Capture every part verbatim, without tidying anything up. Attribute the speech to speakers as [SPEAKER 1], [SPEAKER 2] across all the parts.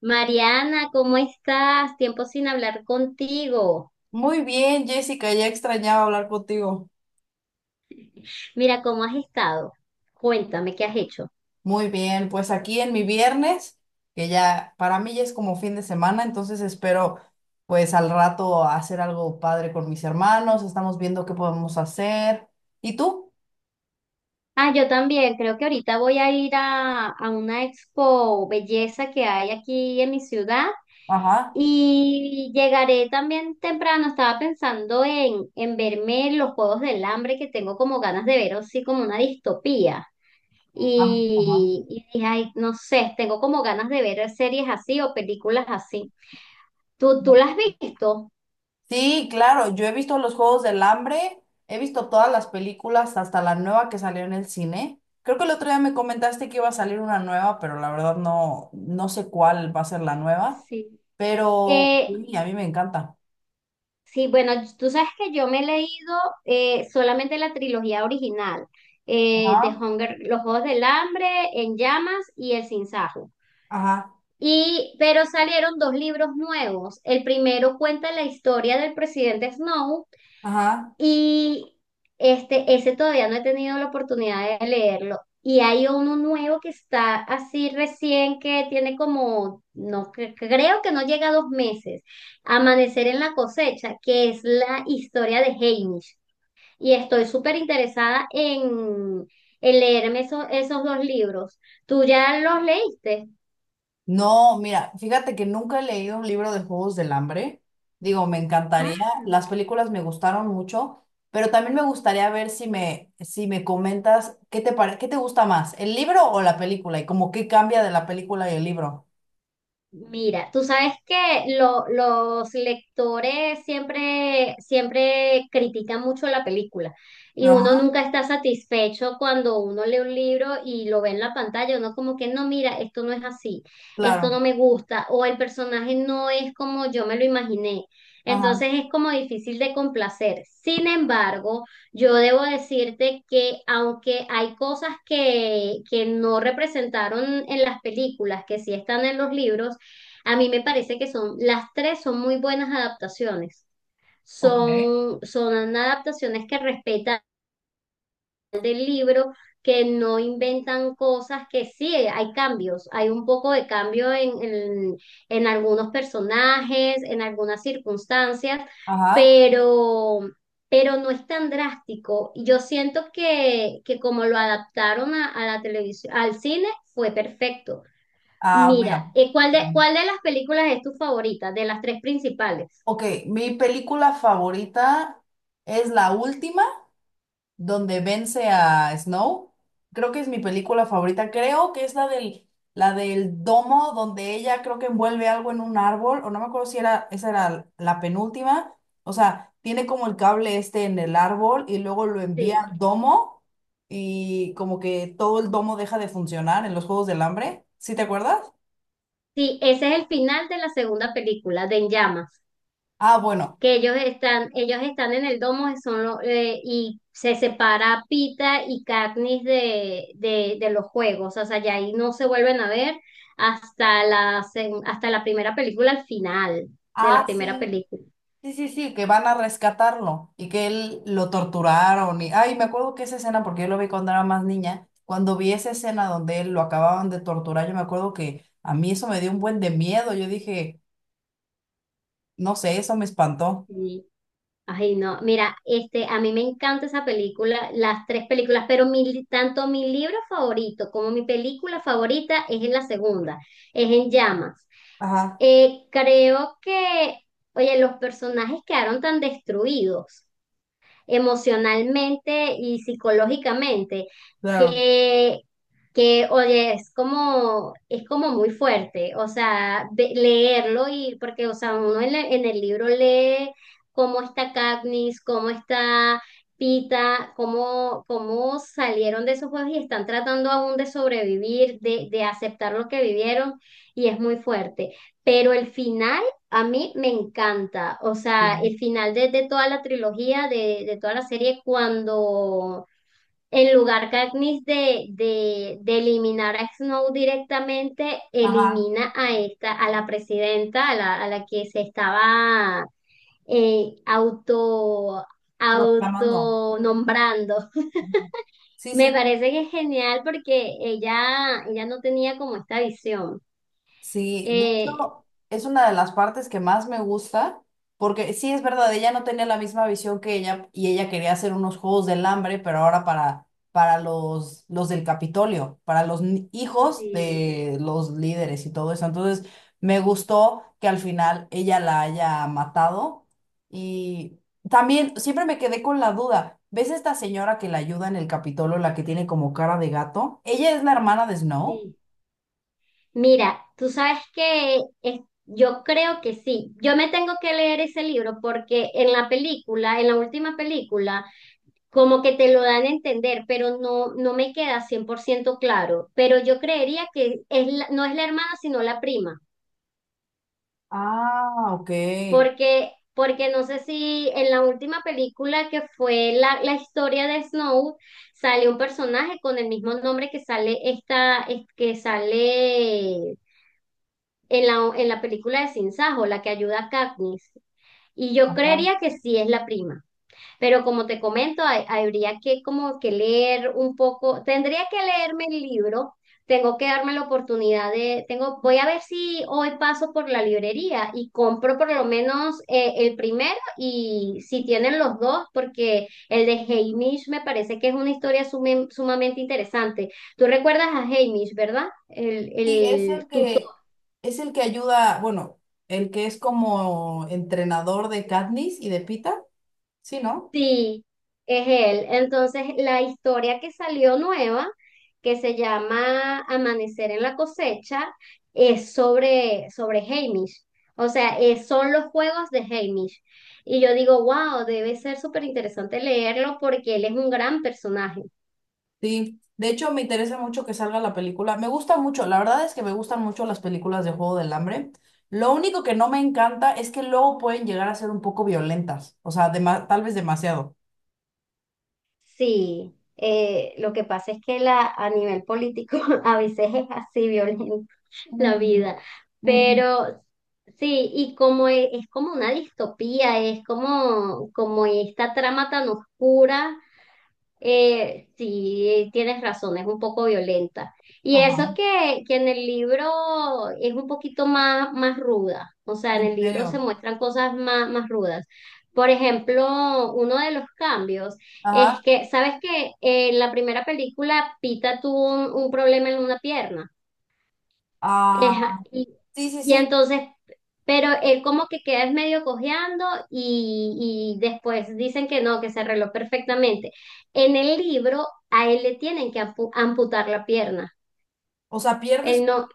[SPEAKER 1] Mariana, ¿cómo estás? Tiempo sin hablar contigo.
[SPEAKER 2] Muy bien, Jessica, ya extrañaba hablar contigo.
[SPEAKER 1] Mira, ¿cómo has estado? Cuéntame, ¿qué has hecho?
[SPEAKER 2] Muy bien, pues aquí en mi viernes, que ya para mí ya es como fin de semana, entonces espero pues al rato hacer algo padre con mis hermanos, estamos viendo qué podemos hacer. ¿Y tú?
[SPEAKER 1] Ah, yo también, creo que ahorita voy a ir a, a una expo belleza que hay aquí en mi ciudad
[SPEAKER 2] Ajá.
[SPEAKER 1] y llegaré también temprano. Estaba pensando en, en verme los Juegos del Hambre que tengo como ganas de ver, así como una distopía.
[SPEAKER 2] Am- Ajá.
[SPEAKER 1] Y, y dije, ay, no sé, tengo como ganas de ver series así o películas así. ¿Tú, tú las has visto?
[SPEAKER 2] Sí, claro, yo he visto los Juegos del Hambre, he visto todas las películas, hasta la nueva que salió en el cine. Creo que el otro día me comentaste que iba a salir una nueva, pero la verdad no, no sé cuál va a ser la nueva,
[SPEAKER 1] Sí.
[SPEAKER 2] pero
[SPEAKER 1] Eh,
[SPEAKER 2] uy, a mí me encanta.
[SPEAKER 1] sí, bueno, tú sabes que yo me he leído eh, solamente la trilogía original eh, de
[SPEAKER 2] Ajá,
[SPEAKER 1] Hunger, Los Juegos del Hambre, En Llamas y El Sinsajo.
[SPEAKER 2] ajá,
[SPEAKER 1] Y, pero salieron dos libros nuevos. El primero cuenta la historia del presidente Snow.
[SPEAKER 2] ajá.
[SPEAKER 1] Y este, ese todavía no he tenido la oportunidad de leerlo. Y hay uno nuevo que está así recién que tiene como, no cre- creo que no llega a dos meses, Amanecer en la cosecha, que es la historia de Hamish. Y estoy súper interesada en, en leerme eso- esos dos libros. ¿Tú ya los leíste?
[SPEAKER 2] No, mira, fíjate que nunca he leído un libro de Juegos del Hambre. Digo, me encantaría.
[SPEAKER 1] Ah.
[SPEAKER 2] Las películas me gustaron mucho, pero también me gustaría ver si me, si me comentas qué te pare- qué te gusta más, el libro o la película, y como qué cambia de la película y el libro.
[SPEAKER 1] Mira, tú sabes que lo- los lectores siempre, siempre critican mucho la película y uno
[SPEAKER 2] Ajá,
[SPEAKER 1] nunca está satisfecho cuando uno lee un libro y lo ve en la pantalla, uno como que no, mira, esto no es así, esto no
[SPEAKER 2] claro.
[SPEAKER 1] me gusta o el personaje no es como yo me lo imaginé.
[SPEAKER 2] Ajá.
[SPEAKER 1] Entonces es como difícil de complacer. Sin embargo, yo debo decirte que aunque hay cosas que, que no representaron en las películas, que sí están en los libros, a mí me parece que son, las tres son muy buenas adaptaciones.
[SPEAKER 2] Ok.
[SPEAKER 1] Son, son adaptaciones que respetan del libro, que no inventan cosas, que sí, hay cambios, hay un poco de cambio en, en, en algunos personajes, en algunas circunstancias,
[SPEAKER 2] Ajá.
[SPEAKER 1] pero, pero no es tan drástico. Y yo siento que, que como lo adaptaron a, a la televisión, al cine, fue perfecto.
[SPEAKER 2] Ah,
[SPEAKER 1] Mira,
[SPEAKER 2] bueno.
[SPEAKER 1] eh, ¿cuál de, cuál de las películas es tu favorita? De las tres principales.
[SPEAKER 2] Ok, mi película favorita es la última. Donde vence a Snow. Creo que es mi película favorita. Creo que es la del, la del domo, donde ella creo que envuelve algo en un árbol, o no me acuerdo si era, esa era la penúltima. O sea, tiene como el cable este en el árbol y luego lo envía
[SPEAKER 1] Sí,
[SPEAKER 2] al domo y como que todo el domo deja de funcionar en los Juegos del Hambre. ¿Sí te acuerdas?
[SPEAKER 1] sí, ese es el final de la segunda película, de En Llamas,
[SPEAKER 2] Ah, bueno.
[SPEAKER 1] que ellos están, ellos están en el domo son lo- eh, y se separa Pita y Katniss de, de, de los juegos, o sea, ya ahí no se vuelven a ver hasta la, seg- hasta la primera película, al final de la
[SPEAKER 2] Ah,
[SPEAKER 1] primera
[SPEAKER 2] sí.
[SPEAKER 1] película.
[SPEAKER 2] Sí, sí, sí, que van a rescatarlo y que él lo torturaron. Y, ay, me acuerdo que esa escena, porque yo lo vi cuando era más niña, cuando vi esa escena donde él lo acababan de torturar, yo me acuerdo que a mí eso me dio un buen de miedo. Yo dije, no sé, eso me espantó.
[SPEAKER 1] Sí. Ay, no, mira, este, a mí me encanta esa película, las tres películas, pero mi, tanto mi libro favorito como mi película favorita es en la segunda, es en llamas.
[SPEAKER 2] Ajá,
[SPEAKER 1] Eh, creo que, oye, los personajes quedaron tan destruidos emocionalmente y psicológicamente,
[SPEAKER 2] claro.
[SPEAKER 1] que, que oye, es como, es como muy fuerte, o sea, ve- leerlo y, porque, o sea, uno en, la- en el libro lee cómo está Katniss, cómo está Pita, cómo, cómo salieron de esos juegos y están tratando aún de sobrevivir, de, de aceptar lo que vivieron, y es muy fuerte. Pero el final a mí me encanta, o
[SPEAKER 2] Sí.
[SPEAKER 1] sea, el final de, de toda la trilogía, de, de toda la serie, cuando en lugar Katniss de, de, de eliminar a Snow directamente,
[SPEAKER 2] Ajá,
[SPEAKER 1] elimina a esta, a la presidenta, a la, a la que se estaba eh, auto,
[SPEAKER 2] proclamando.
[SPEAKER 1] autonombrando.
[SPEAKER 2] Ujú. Sí, sí,
[SPEAKER 1] Me
[SPEAKER 2] sí.
[SPEAKER 1] parece que es genial porque ella, ella no tenía como esta visión.
[SPEAKER 2] Sí, de
[SPEAKER 1] Eh,
[SPEAKER 2] hecho, es una de las partes que más me gusta, porque sí es verdad, ella no tenía la misma visión que ella y ella quería hacer unos juegos del hambre, pero ahora para, para los, los del Capitolio, para los ni- hijos
[SPEAKER 1] sí,
[SPEAKER 2] de los líderes y todo eso. Entonces, me gustó que al final ella la haya matado y también siempre me quedé con la duda. ¿Ves esta señora que la ayuda en el Capitolio, la que tiene como cara de gato? Ella es la hermana de Snow.
[SPEAKER 1] sí. Mira, tú sabes que es- yo creo que sí. Yo me tengo que leer ese libro porque en la película, en la última película, como que te lo dan a entender, pero no, no me queda cien por ciento claro. Pero yo creería que es la- no es la hermana, sino la prima.
[SPEAKER 2] Ah, ok.
[SPEAKER 1] Porque, porque no sé si en la última película que fue la, la historia de Snow, sale un personaje con el mismo nombre que sale esta, es- que sale en la, en la película de Sin Sajo, la que ayuda a Katniss. Y yo
[SPEAKER 2] Ajá.
[SPEAKER 1] creería que sí es la prima, pero como te comento, hay- habría que como que leer un poco, tendría que leerme el libro, tengo que darme la oportunidad de, tengo, voy a ver si hoy paso por la librería y compro por lo menos eh, el primero y si tienen los dos, porque el de Haymitch me parece que es una historia sume- sumamente interesante. Tú recuerdas a Haymitch, ¿verdad? El,
[SPEAKER 2] Sí, es
[SPEAKER 1] el,
[SPEAKER 2] el
[SPEAKER 1] tu
[SPEAKER 2] que es el que ayuda, bueno, el que es como entrenador de Katniss y de Pita, sí, ¿no?
[SPEAKER 1] Sí, es él. Entonces, la historia que salió nueva, que se llama Amanecer en la cosecha, es sobre, sobre Hamish. O sea, es- son los juegos de Hamish. Y yo digo, wow, debe ser súper interesante leerlo porque él es un gran personaje.
[SPEAKER 2] Sí. De hecho, me interesa mucho que salga la película. Me gusta mucho, la verdad es que me gustan mucho las películas de Juego del Hambre. Lo único que no me encanta es que luego pueden llegar a ser un poco violentas, o sea, dema- tal vez demasiado.
[SPEAKER 1] Sí, eh, lo que pasa es que la, a nivel político a veces es así violenta la
[SPEAKER 2] Mm,
[SPEAKER 1] vida,
[SPEAKER 2] mm.
[SPEAKER 1] pero sí, y como e- es, como una distopía, es como, como esta trama tan oscura. Eh, sí, tienes razón, es un poco violenta. Y eso
[SPEAKER 2] Ajá.
[SPEAKER 1] que, que en el libro es un poquito más, más ruda, o sea, en
[SPEAKER 2] ¿En
[SPEAKER 1] el libro se
[SPEAKER 2] serio?
[SPEAKER 1] muestran cosas más, más rudas. Por ejemplo, uno de los cambios es
[SPEAKER 2] Ajá.
[SPEAKER 1] que, ¿sabes que en la primera película Pita tuvo un, un problema en una pierna?
[SPEAKER 2] Ah,
[SPEAKER 1] Eja y,
[SPEAKER 2] sí, sí,
[SPEAKER 1] y
[SPEAKER 2] sí.
[SPEAKER 1] entonces, pero él como que queda es medio cojeando y, y después dicen que no, que se arregló perfectamente. En el libro a él le tienen que ampu- amputar la pierna.
[SPEAKER 2] O sea, pierdes.
[SPEAKER 1] Él no.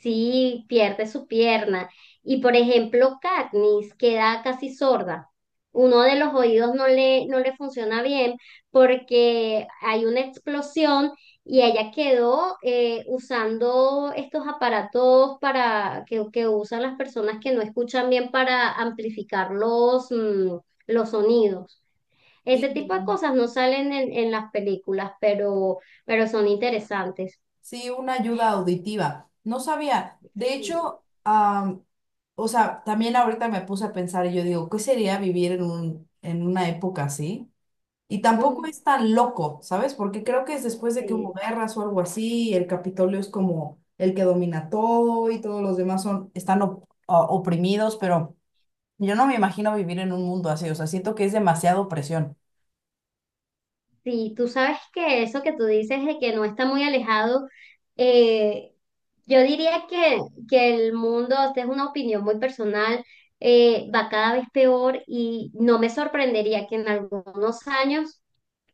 [SPEAKER 1] Sí, pierde su pierna. Y por ejemplo, Katniss queda casi sorda. Uno de los oídos no le, no le funciona bien porque hay una explosión y ella quedó eh, usando estos aparatos para que, que usan las personas que no escuchan bien para amplificar los, mm, los sonidos. Ese tipo de
[SPEAKER 2] Sí.
[SPEAKER 1] cosas no salen en, en las películas, pero, pero son interesantes.
[SPEAKER 2] Sí, una ayuda auditiva. No sabía. De
[SPEAKER 1] Sí.
[SPEAKER 2] hecho, am, o sea, también ahorita me puse a pensar y yo digo, ¿qué sería vivir en un, en una época así? Y tampoco
[SPEAKER 1] Mm.
[SPEAKER 2] es tan loco, ¿sabes? Porque creo que es después de que hubo
[SPEAKER 1] Sí,
[SPEAKER 2] guerras o algo así, y el Capitolio es como el que domina todo y todos los demás son, están op- o- oprimidos, pero yo no me imagino vivir en un mundo así. O sea, siento que es demasiada opresión.
[SPEAKER 1] Sí, tú sabes que eso que tú dices de que no está muy alejado, eh, yo diría que, que el mundo, esta es una opinión muy personal, eh, va cada vez peor y no me sorprendería que en algunos años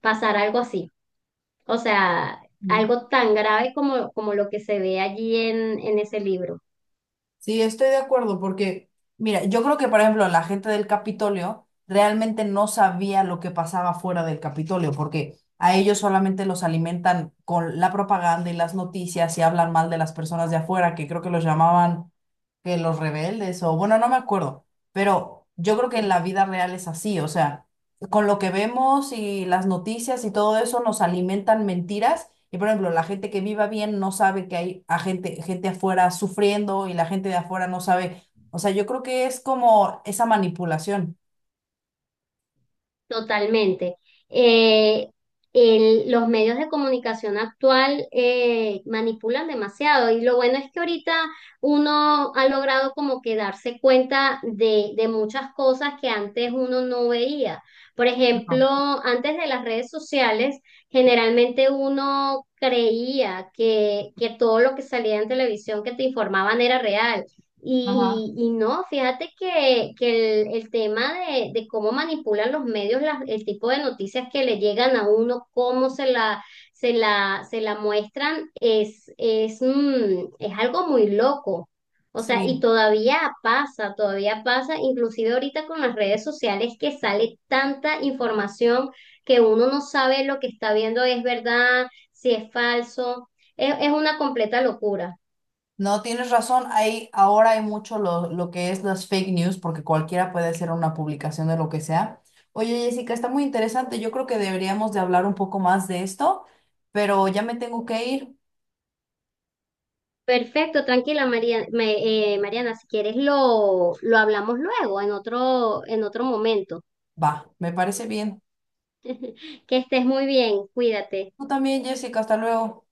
[SPEAKER 1] pasara algo así. O sea, algo tan grave como, como lo que se ve allí en, en ese libro.
[SPEAKER 2] Sí, estoy de acuerdo, porque, mira, yo creo que, por ejemplo, la gente del Capitolio realmente no sabía lo que pasaba fuera del Capitolio, porque a ellos solamente los alimentan con la propaganda y las noticias y hablan mal de las personas de afuera, que creo que los llamaban que los rebeldes, o bueno, no me acuerdo, pero yo creo que en la vida real es así, o sea, con lo que vemos y las noticias y todo eso nos alimentan mentiras. Y por ejemplo, la gente que viva bien no sabe que hay a gente, gente afuera sufriendo y la gente de afuera no sabe. O sea, yo creo que es como esa manipulación.
[SPEAKER 1] Totalmente. Eh, el- los medios de comunicación actual eh, manipulan demasiado y lo bueno es que ahorita uno ha logrado como que darse cuenta de, de muchas cosas que antes uno no veía. Por
[SPEAKER 2] Ajá.
[SPEAKER 1] ejemplo, antes de las redes sociales, generalmente uno creía que, que todo lo que salía en televisión que te informaban era real.
[SPEAKER 2] Ajá.
[SPEAKER 1] Y, y no, fíjate que, que el, el tema de, de cómo manipulan los medios las- el tipo de noticias que le llegan a uno, cómo se la, se la, se la muestran, es, es, mm, es algo muy loco. O sea, y
[SPEAKER 2] Sí.
[SPEAKER 1] todavía pasa, todavía pasa, inclusive ahorita con las redes sociales que sale tanta información que uno no sabe lo que está viendo es verdad, si es falso. es es una completa locura.
[SPEAKER 2] No, tienes razón. Hay, ahora hay mucho lo, lo que es las fake news, porque cualquiera puede hacer una publicación de lo que sea. Oye, Jessica, está muy interesante. Yo creo que deberíamos de hablar un poco más de esto, pero ya me tengo que ir.
[SPEAKER 1] Perfecto, tranquila María, me- eh, Mariana, si quieres lo, lo hablamos luego en otro, en otro momento.
[SPEAKER 2] Va, me parece bien.
[SPEAKER 1] Que estés muy bien, cuídate.
[SPEAKER 2] Tú también, Jessica, hasta luego.